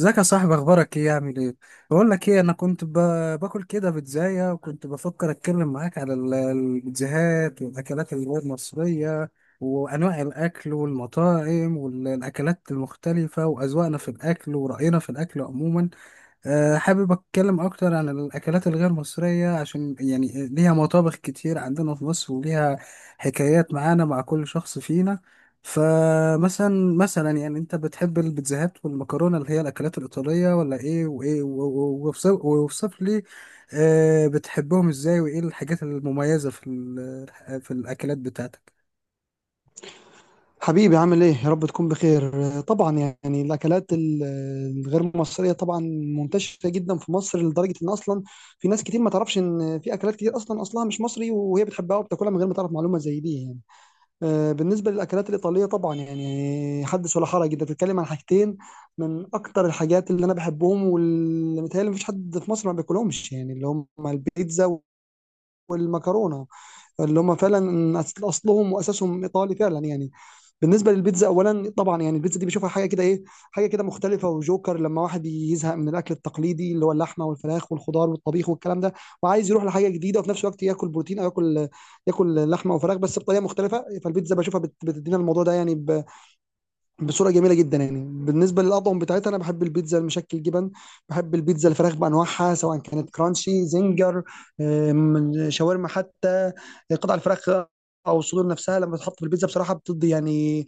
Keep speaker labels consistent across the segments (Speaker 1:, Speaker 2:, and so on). Speaker 1: ازيك يا صاحبي؟ اخبارك ايه؟ عامل ايه؟ بقول لك ايه، باكل كده بيتزاية، وكنت بفكر اتكلم معاك على البيتزاهات والاكلات اللي هو المصرية، وانواع الاكل والمطاعم والاكلات المختلفة واذواقنا في الاكل ورأينا في الاكل عموما. حابب أتكلم أكتر عن الأكلات الغير مصرية، عشان يعني ليها مطابخ كتير عندنا في مصر، وليها حكايات معانا مع كل شخص فينا. فمثلا يعني، أنت بتحب البيتزاهات والمكرونة اللي هي الأكلات الإيطالية، ولا إيه؟ وإيه واوصف لي بتحبهم إزاي، وإيه الحاجات المميزة في في الأكلات بتاعتك؟
Speaker 2: حبيبي، عامل ايه؟ يا رب تكون بخير. آه، طبعا. يعني الاكلات الغير مصريه طبعا منتشره جدا في مصر لدرجه ان اصلا في ناس كتير ما تعرفش ان في اكلات كتير اصلا اصلها مش مصري، وهي بتحبها وبتاكلها من غير ما تعرف معلومه زي دي يعني. بالنسبه للاكلات الايطاليه، طبعا يعني حدث ولا حرج، انت بتتكلم عن حاجتين من اكتر الحاجات اللي انا بحبهم واللي متهيألي مفيش حد في مصر ما بياكلهمش، يعني اللي هم البيتزا والمكرونه، اللي هم فعلا اصلهم واساسهم ايطالي فعلا يعني. بالنسبه للبيتزا اولا، طبعا يعني البيتزا دي بشوفها حاجه كده ايه، حاجه كده مختلفه وجوكر لما واحد يزهق من الاكل التقليدي اللي هو اللحمه والفراخ والخضار والطبيخ والكلام ده، وعايز يروح لحاجه جديده وفي نفس الوقت ياكل بروتين او ياكل، ياكل لحمه وفراخ بس بطريقه مختلفه. فالبيتزا بشوفها بتدينا الموضوع ده يعني بصوره جميله جدا يعني. بالنسبه للاطعم بتاعتها، انا بحب البيتزا المشكل جبن، بحب البيتزا الفراخ بانواعها سواء كانت كرانشي زنجر، شاورما حتى، قطع الفراخ او الصدور نفسها لما تتحط في البيتزا، بصراحه بتدي يعني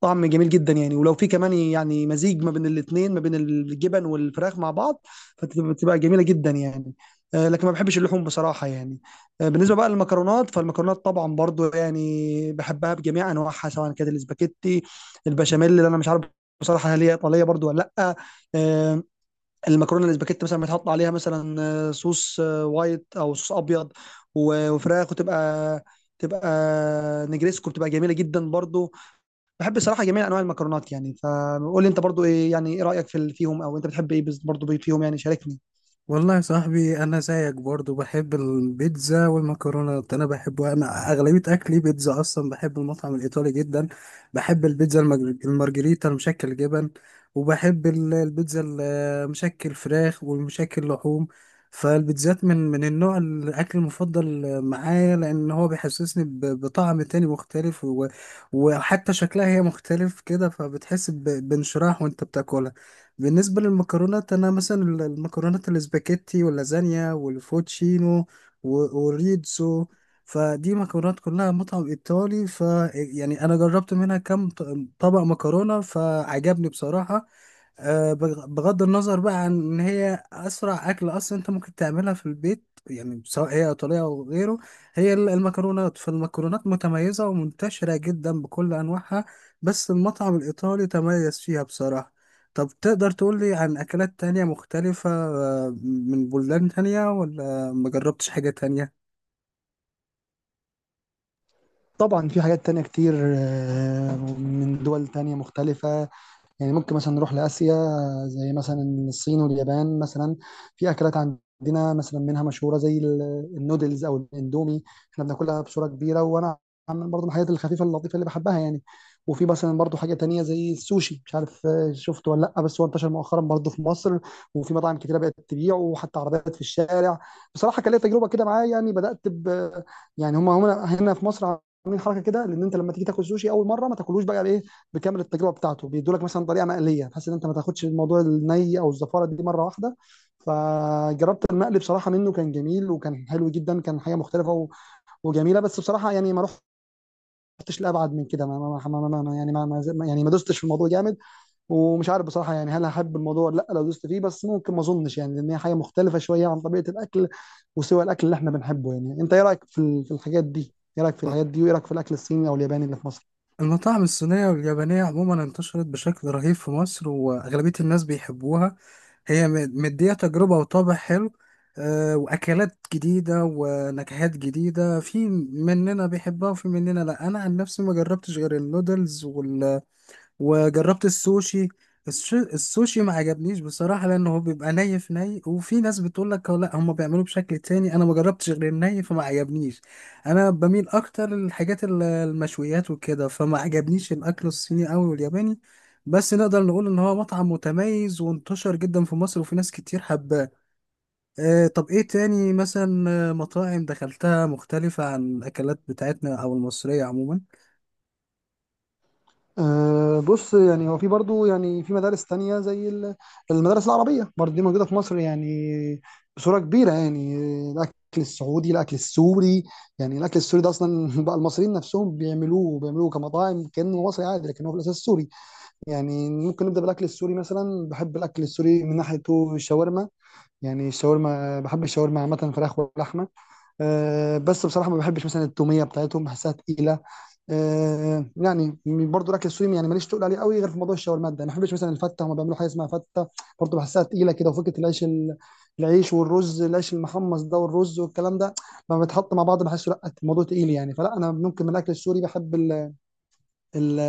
Speaker 2: طعم جميل جدا يعني. ولو في كمان يعني مزيج ما بين الاثنين، ما بين الجبن والفراخ مع بعض، فتبقى جميله جدا يعني. لكن ما بحبش اللحوم بصراحه يعني. بالنسبه بقى للمكرونات، فالمكرونات طبعا برضو يعني بحبها بجميع انواعها سواء كانت الاسباجيتي، البشاميل اللي انا مش عارف بصراحه هل هي ايطاليه برضو ولا لا. آه، المكرونه الاسباجيتي مثلا بتحط عليها مثلا صوص وايت، او صوص ابيض وفراخ، وتبقى تبقى نجريسكو، بتبقى جميله جدا برضو. بحب الصراحه جميع انواع المكرونات، يعني فقول لي انت برضو، ايه يعني ايه رايك فيهم، او انت بتحب ايه برضو فيهم يعني؟ شاركني.
Speaker 1: والله يا صاحبي، انا زيك برضو بحب البيتزا والمكرونات. انا بحبها، انا اغلبيه اكلي بيتزا اصلا. بحب المطعم الايطالي جدا. بحب البيتزا المارجريتا، المشكل جبن، وبحب البيتزا المشكل فراخ والمشكل لحوم. فالبيتزات من النوع الاكل المفضل معايا، لان هو بيحسسني بطعم تاني مختلف. وحتى شكلها هي مختلف كده، فبتحس بانشراح وانت بتاكلها. بالنسبة للمكرونات، أنا مثلا المكرونات الاسباجيتي واللازانيا والفوتشينو والريتزو. فدي مكرونات كلها مطعم إيطالي، ف يعني أنا جربت منها كم طبق مكرونة، فعجبني بصراحة. بغض النظر بقى عن ان هي اسرع اكل اصلا، انت ممكن تعملها في البيت، يعني سواء هي ايطاليه او غيره. هي المكرونات، فالمكرونات متميزه ومنتشره جدا بكل انواعها. بس المطعم الايطالي تميز فيها بصراحه. طب تقدر تقول لي عن اكلات تانية مختلفه، من بلدان تانية، ولا مجربتش حاجه تانية؟
Speaker 2: طبعا في حاجات تانية كتير من دول تانية مختلفة، يعني ممكن مثلا نروح لآسيا، زي مثلا الصين واليابان مثلا. في أكلات عندنا مثلا منها مشهورة زي النودلز أو الإندومي، إحنا بناكلها بصورة كبيرة، وأنا عامل برضه من الحاجات الخفيفة اللطيفة اللي بحبها يعني. وفي مثلا برضه حاجة تانية زي السوشي، مش عارف شفته ولا لأ، بس هو انتشر مؤخرا برضه في مصر، وفي مطاعم كتيرة بقت تبيعه وحتى عربيات في الشارع. بصراحة كان ليا تجربة كده معاه، يعني بدأت ب، يعني هم هنا في مصر عاملين حركة كده، لأن أنت لما تيجي تاكل سوشي أول مرة ما تاكلوش بقى إيه بكامل التجربه بتاعته، بيدوا لك مثلا طريقه مقليه بحيث ان انت ما تاخدش الموضوع الني او الزفاره دي مره واحده. فجربت المقلي بصراحه، منه كان جميل وكان حلو جدا، كان حاجه مختلفه وجميله. بس بصراحه يعني ما رحتش لابعد من كده، ما دوستش في الموضوع جامد. ومش عارف بصراحه يعني هل هحب الموضوع ولا لا لو دوست فيه، بس ممكن ما اظنش يعني، لان هي حاجه مختلفه شويه عن طبيعه الاكل وسوى الاكل اللي احنا بنحبه يعني. انت ايه رايك في الحاجات دي؟ ايه رايك في الحاجات دي؟ وايه رايك في الاكل الصيني او الياباني اللي في مصر؟
Speaker 1: المطاعم الصينية واليابانية عموما انتشرت بشكل رهيب في مصر، وأغلبية الناس بيحبوها. هي مدية تجربة وطابع حلو، وأكلات جديدة ونكهات جديدة. في مننا بيحبها وفي مننا لأ. أنا عن نفسي ما جربتش غير النودلز، وجربت السوشي. السوشي ما عجبنيش بصراحة، لأنه هو بيبقى ني في ني، وفي ناس بتقول لك لا، هم بيعملوه بشكل تاني. أنا ما جربتش غير الني، فما عجبنيش. أنا بميل أكتر للحاجات المشويات وكده، فما عجبنيش الأكل الصيني أوي والياباني. بس نقدر نقول إن هو مطعم متميز وانتشر جدا في مصر، وفي ناس كتير حباه. طب إيه تاني مثلا، مطاعم دخلتها مختلفة عن الأكلات بتاعتنا أو المصرية عموما؟
Speaker 2: أه بص، يعني هو في برضو يعني في مدارس تانية زي المدارس العربية برضو، دي موجودة في مصر يعني بصورة كبيرة يعني. الأكل السعودي، الأكل السوري. يعني الأكل السوري ده أصلا بقى المصريين نفسهم بيعملوه بيعملوه كمطاعم كأنه مصري عادي، لكن هو في الأساس سوري. يعني ممكن نبدأ بالأكل السوري مثلا. بحب الأكل السوري من ناحيته الشاورما، يعني الشاورما، بحب الشاورما عامة فراخ ولحمة. أه بس بصراحه ما بحبش مثلا التوميه بتاعتهم، بحسها تقيله. أه يعني برضو الاكل السوري يعني ماليش تقول عليه قوي غير في موضوع الشاورما ده. ما بحبش مثلا الفته، هم بيعملوا حاجه اسمها فته، برضو بحسها تقيله كده، وفكره العيش العيش والرز، العيش المحمص ده والرز والكلام ده لما بيتحط مع بعض بحسه لا، الموضوع تقيل يعني. فلا، انا ممكن من الاكل السوري بحب ال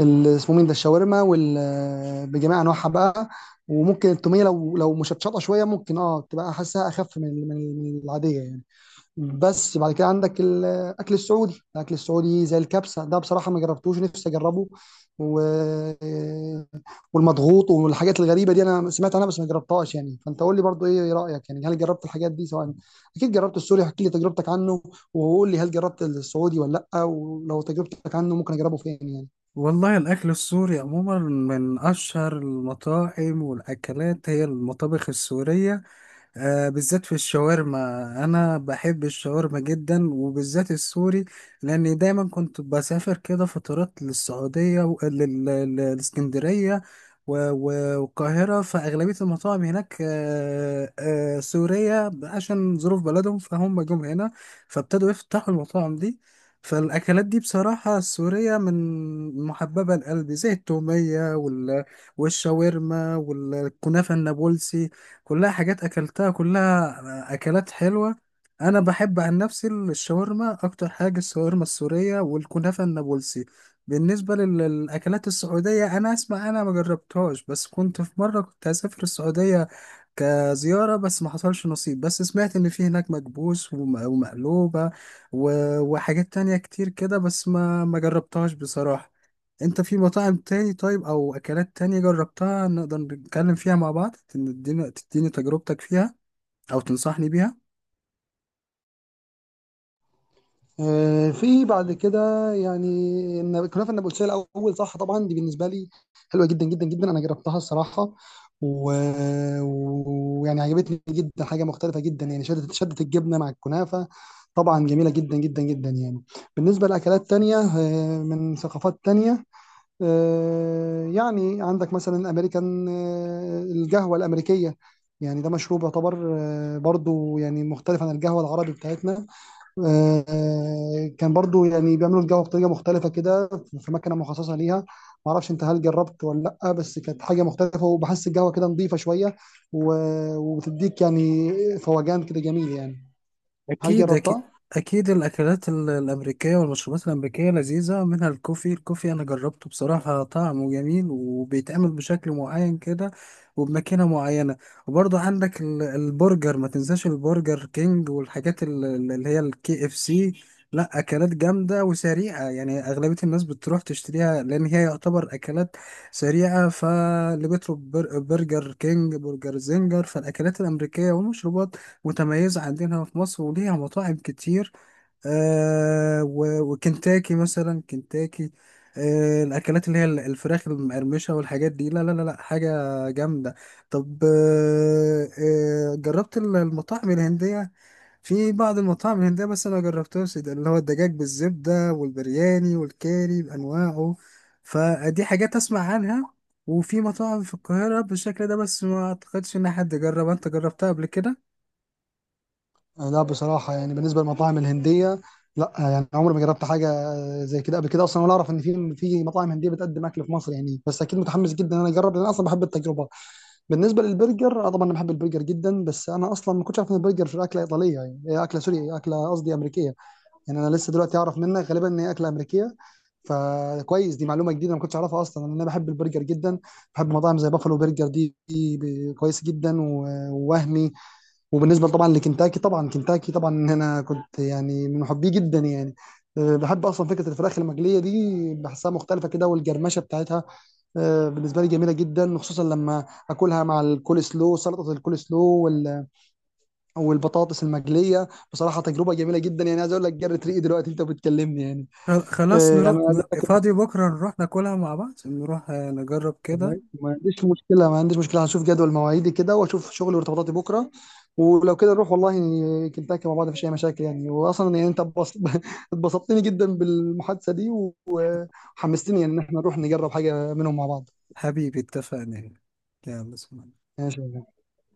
Speaker 2: اسمه مين ده الشاورما وال، بجميع انواعها بقى. وممكن التوميه لو لو مشطشطه شويه ممكن اه تبقى حاسها اخف من العاديه يعني. بس بعد كده عندك الاكل السعودي. الاكل السعودي زي الكبسه ده بصراحه ما جربتوش، نفسي اجربه و... والمضغوط والحاجات الغريبه دي. انا سمعت عنها بس ما جربتهاش يعني. فانت قول لي برضو ايه رايك يعني، هل جربت الحاجات دي سواء؟ اكيد جربت السوري، احكي لي تجربتك عنه. وقول لي هل جربت السعودي ولا لا؟ ولو تجربتك عنه ممكن اجربه فين يعني؟
Speaker 1: والله الأكل السوري عموما من أشهر المطاعم، والأكلات هي المطابخ السورية. بالذات في الشاورما. انا بحب الشاورما جدا، وبالذات السوري، لاني دايما كنت بسافر كده فترات للسعوديه والاسكندريه والقاهره. فاغلبيه المطاعم هناك سوريه، عشان ظروف بلدهم فهم جم هنا، فابتدوا يفتحوا المطاعم دي. فالاكلات دي بصراحه السوريه من محببه لقلبي، زي التوميه والشاورما والكنافه النابلسي. كلها حاجات اكلتها، كلها اكلات حلوه. انا بحب عن نفسي الشاورما اكتر حاجه، الشاورما السوريه والكنافه النابلسي. بالنسبه للاكلات السعوديه، انا اسمع، انا ما جربتهاش. بس كنت في مره كنت هسافر السعوديه كزياره، بس ما حصلش نصيب. بس سمعت ان في هناك مكبوس ومقلوبه وحاجات تانية كتير كده، بس ما جربتهاش بصراحه. انت في مطاعم تاني طيب، او اكلات تانية جربتها نقدر نتكلم فيها مع بعض، تديني تجربتك فيها، او تنصحني بيها؟
Speaker 2: في بعد كده يعني كنافه النابلسيه الاول صح؟ طبعا دي بالنسبه لي حلوه جدا جدا جدا، انا جربتها الصراحه ويعني عجبتني جدا، حاجه مختلفه جدا يعني. شدت شدت الجبنه مع الكنافه طبعا جميله جدا جدا جدا يعني. بالنسبه لاكلات تانية من ثقافات تانية، يعني عندك مثلا امريكان. القهوه الامريكيه يعني ده مشروب يعتبر برضو يعني مختلف عن القهوه العربي بتاعتنا. كان برضو يعني بيعملوا الجو بطريقه مختلفه كده، في مكنه مخصصه ليها. ما اعرفش انت هل جربت ولا لا، بس كانت حاجه مختلفه وبحس القهوه كده نظيفه شويه وبتديك يعني فوجان كده جميل يعني. هل
Speaker 1: أكيد، أكيد.
Speaker 2: جربتها؟
Speaker 1: أكيد الأكلات الأمريكية والمشروبات الأمريكية لذيذة. منها الكوفي. أنا جربته بصراحة، طعمه جميل وبيتعمل بشكل معين كده، وبماكينة معينة. وبرضه عندك البرجر، ما تنساش البرجر كينج والحاجات اللي هي الـKFC. لا، أكلات جامدة وسريعة، يعني أغلبية الناس بتروح تشتريها، لأن هي يعتبر أكلات سريعة. فاللي بيطلب برجر كينج، برجر زنجر. فالأكلات الأمريكية والمشروبات متميزة عندنا في مصر، وليها مطاعم كتير. آه وكنتاكي مثلا، كنتاكي، الأكلات اللي هي الفراخ المقرمشة والحاجات دي، لا لا لا لا، حاجة جامدة. طب آه، جربت المطاعم الهندية. في بعض المطاعم الهندية بس أنا مجربتهاش، ده اللي هو الدجاج بالزبدة والبرياني والكاري بأنواعه. فدي حاجات أسمع عنها، وفي مطاعم في القاهرة بالشكل ده، بس ما أعتقدش إن حد جرب. أنت جربتها قبل كده؟
Speaker 2: لا بصراحه يعني. بالنسبه للمطاعم الهنديه، لا يعني عمري ما جربت حاجه زي كده قبل كده اصلا، ولا اعرف ان في مطاعم هنديه بتقدم اكل في مصر يعني، بس اكيد متحمس جدا ان انا اجرب لان انا اصلا بحب التجربه. بالنسبه للبرجر، آه طبعا انا بحب البرجر جدا. بس انا اصلا ما كنتش عارف ان البرجر في اكله ايطاليه، يعني هي اكله سوري، اكله قصدي امريكيه. يعني انا لسه دلوقتي اعرف منك غالبا ان هي اكله امريكيه، فكويس دي معلومه جديده ما كنتش اعرفها. اصلا انا بحب البرجر جدا، بحب مطاعم زي بافلو برجر، دي, دي كويس جدا ووهمي. وبالنسبه طبعا لكنتاكي، طبعا كنتاكي طبعا انا كنت يعني من محبيه جدا يعني. أه، بحب اصلا فكره الفراخ المقليه دي، بحسها مختلفه كده والجرمشه بتاعتها. أه، بالنسبه لي جميله جدا، خصوصا لما اكلها مع الكول سلو، سلطه الكول سلو والبطاطس المقليه. بصراحه تجربه جميله جدا يعني، عايز اقول لك جرت ريقي دلوقتي انت بتكلمني يعني.
Speaker 1: خلاص، نروح
Speaker 2: يعني أنا عايز أقول لك،
Speaker 1: فاضي بكرة نروح ناكلها مع بعض. نروح نجرب كده.
Speaker 2: والله ما عنديش مشكلة، ما عنديش مشكلة. هشوف جدول مواعيدي كده واشوف شغلي وارتباطاتي بكرة، ولو كده نروح والله يعني كنتاكي مع بعض مفيش أي مشاكل يعني. وأصلا يعني أنت اتبسطتني جدا بالمحادثة دي وحمستني يعني إن احنا نروح نجرب حاجة منهم مع بعض.
Speaker 1: حبيبي، اتفقنا. يلا، سلام.
Speaker 2: ماشي.